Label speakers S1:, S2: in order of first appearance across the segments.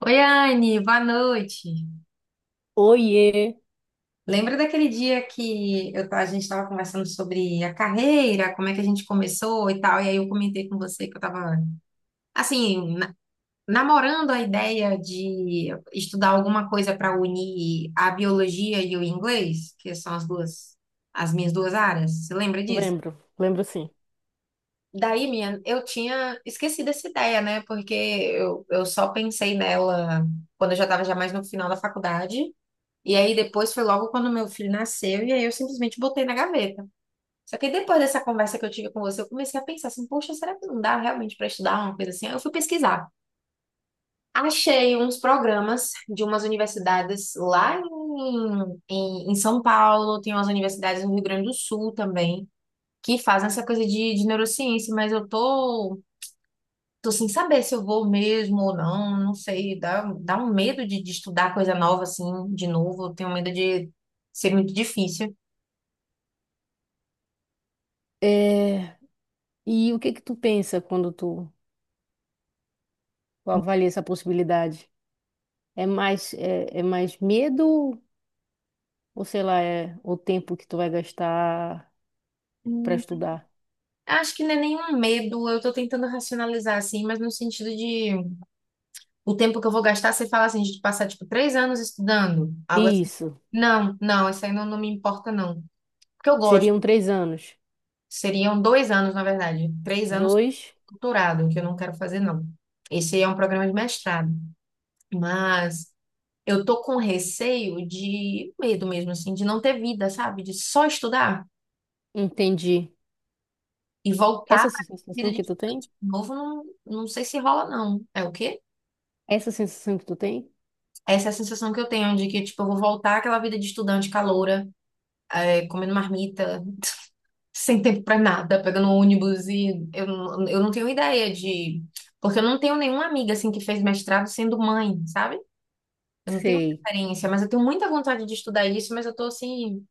S1: Oi, Anne, boa noite.
S2: Oiê,
S1: Lembra daquele dia que a gente estava conversando sobre a carreira, como é que a gente começou e tal, e aí eu comentei com você que eu estava, assim, namorando a ideia de estudar alguma coisa para unir a biologia e o inglês, que são as minhas duas áreas. Você lembra disso?
S2: lembro, sim.
S1: Daí, minha, eu tinha esquecido essa ideia, né? Porque eu só pensei nela quando eu já estava já mais no final da faculdade. E aí depois foi logo quando meu filho nasceu, e aí eu simplesmente botei na gaveta. Só que depois dessa conversa que eu tive com você, eu comecei a pensar assim, poxa, será que não dá realmente para estudar uma coisa assim? Aí eu fui pesquisar. Achei uns programas de umas universidades lá em São Paulo, tem umas universidades no Rio Grande do Sul também, que fazem essa coisa de neurociência, mas tô sem saber se eu vou mesmo ou não, não sei, dá um medo de estudar coisa nova assim, de novo, eu tenho medo de ser muito difícil.
S2: É, e o que que tu pensa quando tu avalia essa possibilidade? É mais medo ou sei lá, é o tempo que tu vai gastar para
S1: Hum.
S2: estudar?
S1: Acho que não é nenhum medo, eu tô tentando racionalizar assim, mas no sentido de o tempo que eu vou gastar, você fala assim, de passar tipo 3 anos estudando, algo assim.
S2: Isso,
S1: Não, não, isso aí não, não me importa, não. Porque eu gosto.
S2: seriam três anos.
S1: Seriam 2 anos, na verdade. 3 anos
S2: Dois,
S1: doutorado, que eu não quero fazer, não. Esse é um programa de mestrado. Mas eu tô com receio de medo mesmo, assim, de não ter vida, sabe? De só estudar
S2: entendi.
S1: e voltar
S2: Essa
S1: para a vida
S2: sensação
S1: de
S2: que tu tem?
S1: estudante de novo, não, não sei se rola, não. É o quê?
S2: Essa sensação que tu tem?
S1: Essa é a sensação que eu tenho de que, tipo, eu vou voltar àquela vida de estudante caloura, é, comendo marmita, sem tempo pra nada, pegando um ônibus e eu não tenho ideia de... Porque eu não tenho nenhuma amiga, assim, que fez mestrado sendo mãe, sabe? Eu não tenho
S2: Sei.
S1: referência, mas eu tenho muita vontade de estudar isso, mas eu tô, assim,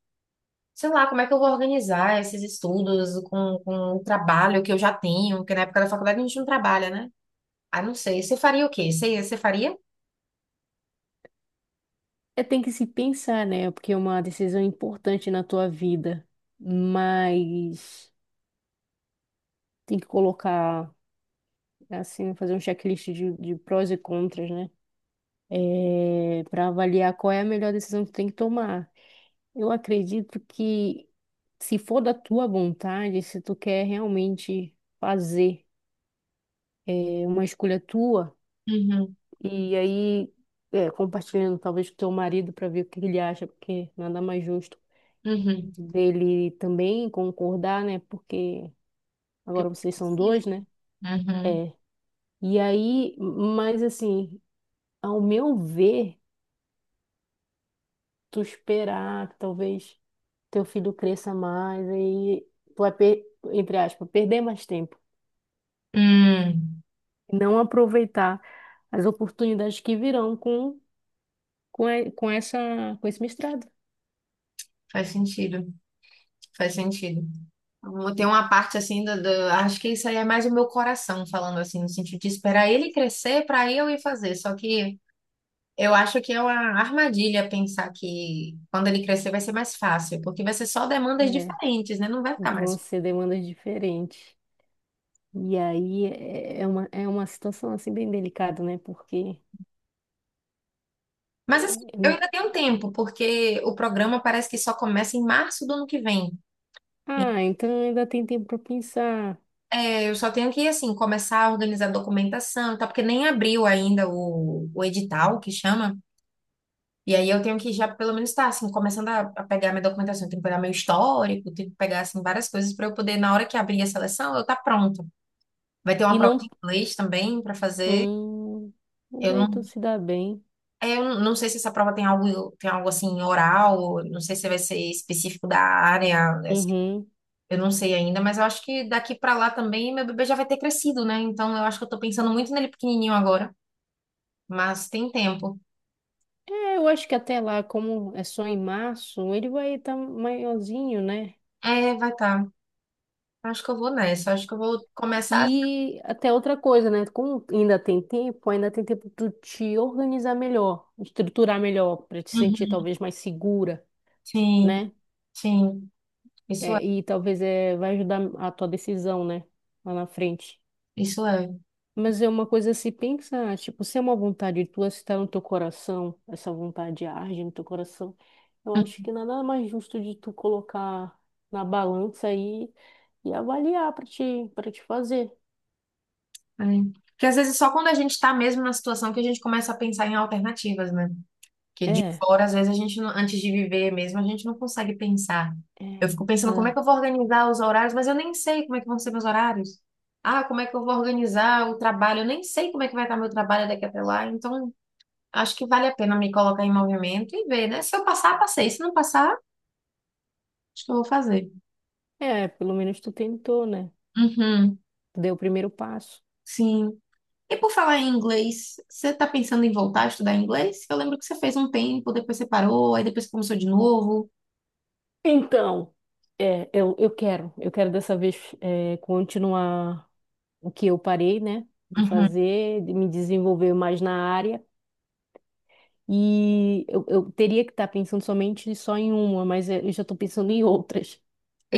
S1: sei lá, como é que eu vou organizar esses estudos com o trabalho que eu já tenho, porque na época da faculdade a gente não trabalha, né? Ah, não sei. Você faria o quê? Você faria?
S2: É, tem que se pensar, né? Porque é uma decisão importante na tua vida, mas tem que colocar. Assim, fazer um checklist de prós e contras, né? É, para avaliar qual é a melhor decisão que tu tem que tomar. Eu acredito que se for da tua vontade, se tu quer realmente fazer uma escolha tua,
S1: Uhum,
S2: e aí compartilhando talvez com teu marido para ver o que ele acha, porque nada mais justo
S1: uhum.
S2: dele também concordar, né? Porque
S1: Que
S2: agora
S1: você
S2: vocês são
S1: precisa.
S2: dois, né?
S1: Uhum.
S2: É. E aí, mas assim, ao meu ver, tu esperar que talvez teu filho cresça mais, aí tu vai, per- entre aspas, perder mais tempo.
S1: Hum,
S2: Não aproveitar as oportunidades que virão com com esse mestrado.
S1: faz sentido, faz sentido. Eu tenho uma parte assim acho que isso aí é mais o meu coração falando assim, no sentido de esperar ele crescer para eu ir fazer. Só que eu acho que é uma armadilha pensar que quando ele crescer vai ser mais fácil, porque vai ser só demandas
S2: É,
S1: diferentes, né? Não vai ficar mais
S2: vão
S1: fácil.
S2: ser demandas diferentes. E aí é é uma situação assim bem delicada, né? Porque
S1: Mas assim, eu
S2: é,
S1: ainda tenho tempo, porque o programa parece que só começa em março do ano que vem.
S2: ah, então ainda tem tempo para pensar.
S1: É, eu só tenho que, assim, começar a organizar documentação e tal, porque nem abriu ainda o edital, que chama. E aí eu tenho que já pelo menos estar assim, começando a pegar minha documentação, eu tenho que pegar meu histórico, tenho que pegar assim várias coisas para eu poder na hora que abrir a seleção, eu estar pronta. Vai ter uma
S2: E
S1: prova de
S2: não.
S1: inglês também para fazer.
S2: Hum, mas
S1: Eu
S2: aí
S1: não,
S2: tu se dá bem.
S1: é, eu não sei se essa prova tem algo assim oral, não sei se vai ser específico da área, né, assim,
S2: Uhum.
S1: eu não sei ainda, mas eu acho que daqui para lá também meu bebê já vai ter crescido, né? Então eu acho que eu tô pensando muito nele pequenininho agora, mas tem tempo.
S2: É, eu acho que até lá, como é só em março, ele vai estar maiorzinho, né?
S1: É, vai estar. Tá. Acho que eu vou nessa, acho que eu vou começar. Assim.
S2: E até outra coisa, né? Como ainda tem tempo de tu te organizar melhor, estruturar melhor, para te sentir
S1: Uhum.
S2: talvez mais segura,
S1: Sim.
S2: né?
S1: Sim, isso é,
S2: E talvez vai ajudar a tua decisão, né? Lá na frente.
S1: isso é.
S2: Mas é uma coisa a se pensar, tipo, se é uma vontade tua, se está no teu coração, essa vontade arde no teu coração, eu acho que nada mais justo de tu colocar na balança aí e avaliar para para te fazer.
S1: É. Porque às vezes só quando a gente está mesmo na situação que a gente começa a pensar em alternativas, né? Porque de
S2: É,
S1: fora, às vezes, a gente, não- antes de viver mesmo, a gente não consegue pensar. Eu
S2: é,
S1: fico pensando como é que
S2: ah,
S1: eu vou organizar os horários, mas eu nem sei como é que vão ser meus horários. Ah, como é que eu vou organizar o trabalho? Eu nem sei como é que vai estar meu trabalho daqui até lá. Então, acho que vale a pena me colocar em movimento e ver, né? Se eu passar, passei. Se não passar, acho que eu vou fazer.
S2: pelo menos tu tentou, né?
S1: Uhum.
S2: Tu deu o primeiro passo.
S1: Sim. E por falar em inglês, você está pensando em voltar a estudar inglês? Eu lembro que você fez um tempo, depois você parou, aí depois começou de novo.
S2: Então, é, eu quero dessa vez continuar o que eu parei, né? De
S1: Uhum.
S2: fazer, de me desenvolver mais na área. E eu teria que estar pensando somente só em uma, mas eu já estou pensando em outras.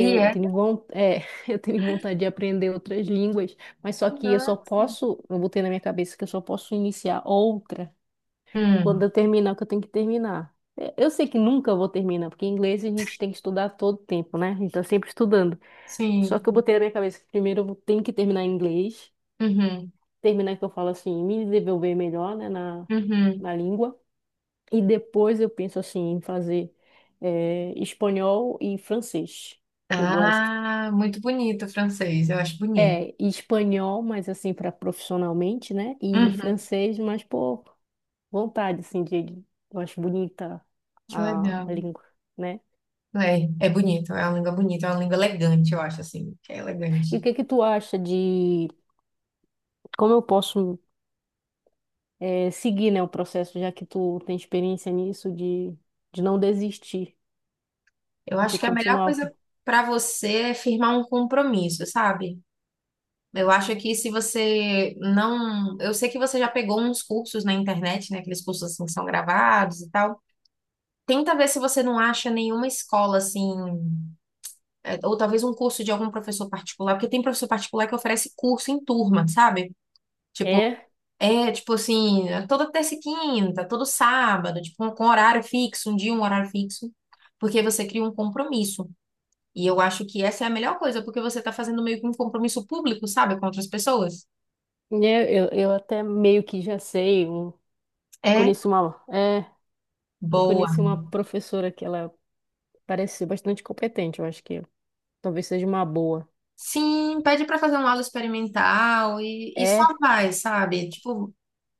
S1: E é
S2: eu tenho vontade de aprender outras línguas, mas só que
S1: nossa.
S2: eu botei na minha cabeça que eu só posso iniciar outra quando
S1: Hum,
S2: eu terminar o que eu tenho que terminar. É, eu sei que nunca vou terminar, porque inglês a gente tem que estudar todo tempo, né? A gente tá sempre estudando. Só
S1: sim.
S2: que eu botei na minha cabeça que primeiro tenho que terminar em inglês,
S1: Uhum,
S2: terminar que eu falo assim, me desenvolver melhor, né,
S1: uhum.
S2: na língua. E depois eu penso assim em fazer espanhol e francês, que eu gosto.
S1: Ah, muito bonito o francês, eu acho bonito.
S2: É, e espanhol, mas assim, para profissionalmente, né? E
S1: Uhum,
S2: francês, mas por vontade, assim, eu acho bonita
S1: que legal.
S2: a língua, né?
S1: É, é bonito, é uma língua bonita, é uma língua elegante, eu acho assim, que é elegante.
S2: E o que que tu acha de como eu posso seguir, né, o processo, já que tu tem experiência nisso, de não desistir,
S1: Eu acho
S2: de
S1: que a melhor
S2: continuar?
S1: coisa para você é firmar um compromisso, sabe? Eu acho que se você não. Eu sei que você já pegou uns cursos na internet, né? Aqueles cursos assim que são gravados e tal. Tenta ver se você não acha nenhuma escola assim, é, ou talvez um curso de algum professor particular, porque tem professor particular que oferece curso em turma, sabe? Tipo,
S2: É,
S1: é tipo assim, é toda terça e quinta, todo sábado, tipo, com horário fixo, um dia, um horário fixo, porque você cria um compromisso. E eu acho que essa é a melhor coisa, porque você tá fazendo meio que um compromisso público, sabe, com outras pessoas.
S2: né, eu até meio que
S1: É.
S2: conheço uma. É, eu
S1: Boa.
S2: conheci uma professora que ela parece ser bastante competente, eu acho que talvez seja uma boa.
S1: Sim, pede para fazer um aula experimental e só
S2: É,
S1: vai, sabe? Tipo,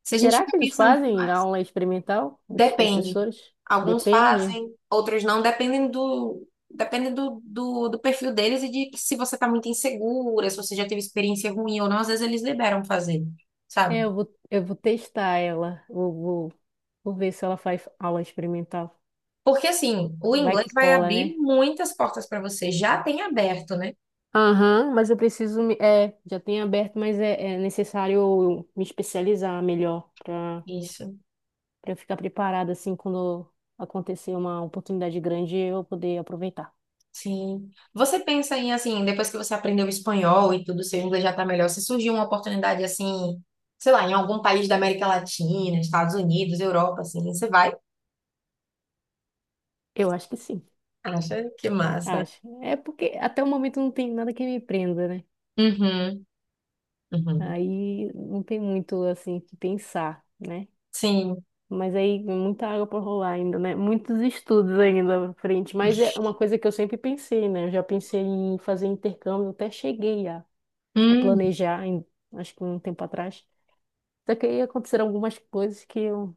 S1: se a gente
S2: será
S1: fica
S2: que eles
S1: pensando
S2: fazem
S1: demais,
S2: aula experimental, esses
S1: depende.
S2: professores?
S1: Alguns
S2: Depende.
S1: fazem, outros não, dependem do, depende do perfil deles e de se você tá muito insegura, se você já teve experiência ruim ou não, às vezes eles liberam fazer,
S2: É,
S1: sabe?
S2: eu vou testar ela, vou ver se ela faz aula experimental.
S1: Porque assim, o
S2: Vai
S1: inglês
S2: que
S1: vai
S2: cola,
S1: abrir
S2: né?
S1: muitas portas para você, já tem aberto, né?
S2: Aham, mas eu preciso me, é, já tem aberto, mas é necessário eu me especializar melhor
S1: Isso.
S2: para eu ficar preparada assim quando acontecer uma oportunidade grande eu poder aproveitar.
S1: Sim. Você pensa em, assim, depois que você aprendeu espanhol e tudo, seu inglês já tá melhor, se surgiu uma oportunidade, assim, sei lá, em algum país da América Latina, Estados Unidos, Europa, assim, você vai?
S2: Eu acho que sim,
S1: Acha que massa.
S2: acho. É porque até o momento não tem nada que me prenda, né?
S1: Uhum, uhum.
S2: Aí não tem muito assim que pensar, né?
S1: Sim.
S2: Mas aí muita água para rolar ainda, né? Muitos estudos ainda pra frente, mas é uma coisa que eu sempre pensei, né? Eu já pensei em fazer intercâmbio, até cheguei a
S1: Hum,
S2: planejar, acho que um tempo atrás. Só que aí aconteceram algumas coisas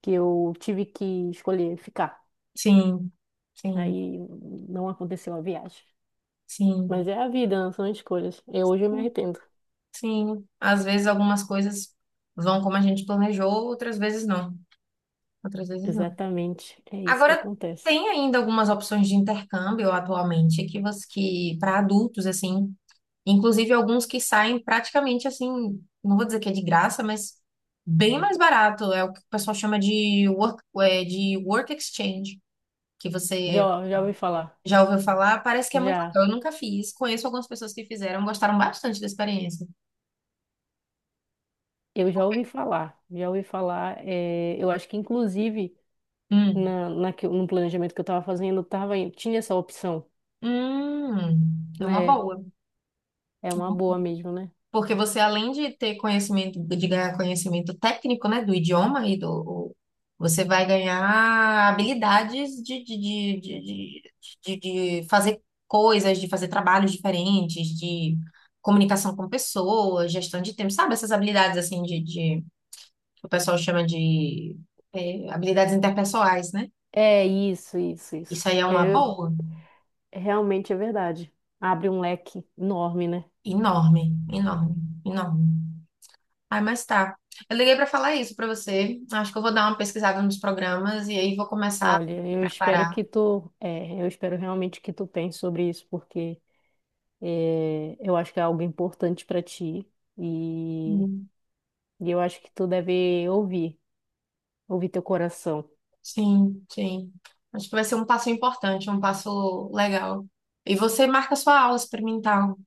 S2: que eu tive que escolher ficar.
S1: sim, sim,
S2: Aí não aconteceu a viagem.
S1: sim,
S2: Mas é a vida, não são escolhas. Eu hoje eu me arrependo.
S1: sim. Às vezes algumas coisas vão como a gente planejou, outras vezes não. Outras vezes não.
S2: Exatamente, é isso que
S1: Agora,
S2: acontece.
S1: tem ainda algumas opções de intercâmbio atualmente que para adultos, assim, inclusive alguns que saem praticamente assim, não vou dizer que é de graça, mas bem mais barato. É o que o pessoal chama é, de work exchange, que você
S2: Já, já ouvi falar.
S1: já ouviu falar. Parece que é muito
S2: Já,
S1: legal. Eu nunca fiz. Conheço algumas pessoas que fizeram, gostaram bastante da experiência.
S2: eu já ouvi falar. É, eu acho que inclusive
S1: Hum,
S2: no planejamento que eu estava fazendo, tinha essa opção,
S1: é uma
S2: né?
S1: boa.
S2: É uma boa mesmo, né?
S1: Porque você, além de ter conhecimento, de ganhar conhecimento técnico, né, do idioma e do, o- você vai ganhar habilidades de fazer coisas, de fazer trabalhos diferentes, de comunicação com pessoas, gestão de tempo, sabe? Essas habilidades, assim, que o pessoal chama de, habilidades interpessoais, né?
S2: É isso, isso,
S1: Isso
S2: isso.
S1: aí é uma boa,
S2: Realmente é verdade. Abre um leque enorme, né?
S1: enorme, enorme, enorme. Ai, mas tá. Eu liguei pra falar isso pra você. Acho que eu vou dar uma pesquisada nos programas e aí vou começar a
S2: Olha,
S1: me
S2: eu espero
S1: preparar.
S2: que eu espero realmente que tu pense sobre isso, porque é, eu acho que é algo importante para ti e,
S1: Hum.
S2: e eu acho que tu deve ouvir teu coração.
S1: Sim, sim. Acho que vai ser um passo importante, um passo legal. E você marca sua aula experimental.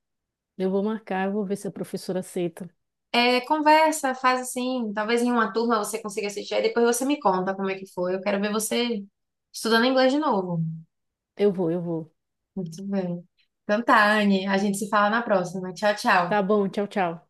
S2: Eu vou marcar, eu vou ver se a professora aceita.
S1: É, conversa, faz assim. Talvez em uma turma você consiga assistir, aí depois você me conta como é que foi. Eu quero ver você estudando inglês de novo.
S2: Eu vou, eu vou.
S1: Muito bem. Então tá, Anne. A gente se fala na próxima. Tchau, tchau.
S2: Tá bom, tchau, tchau.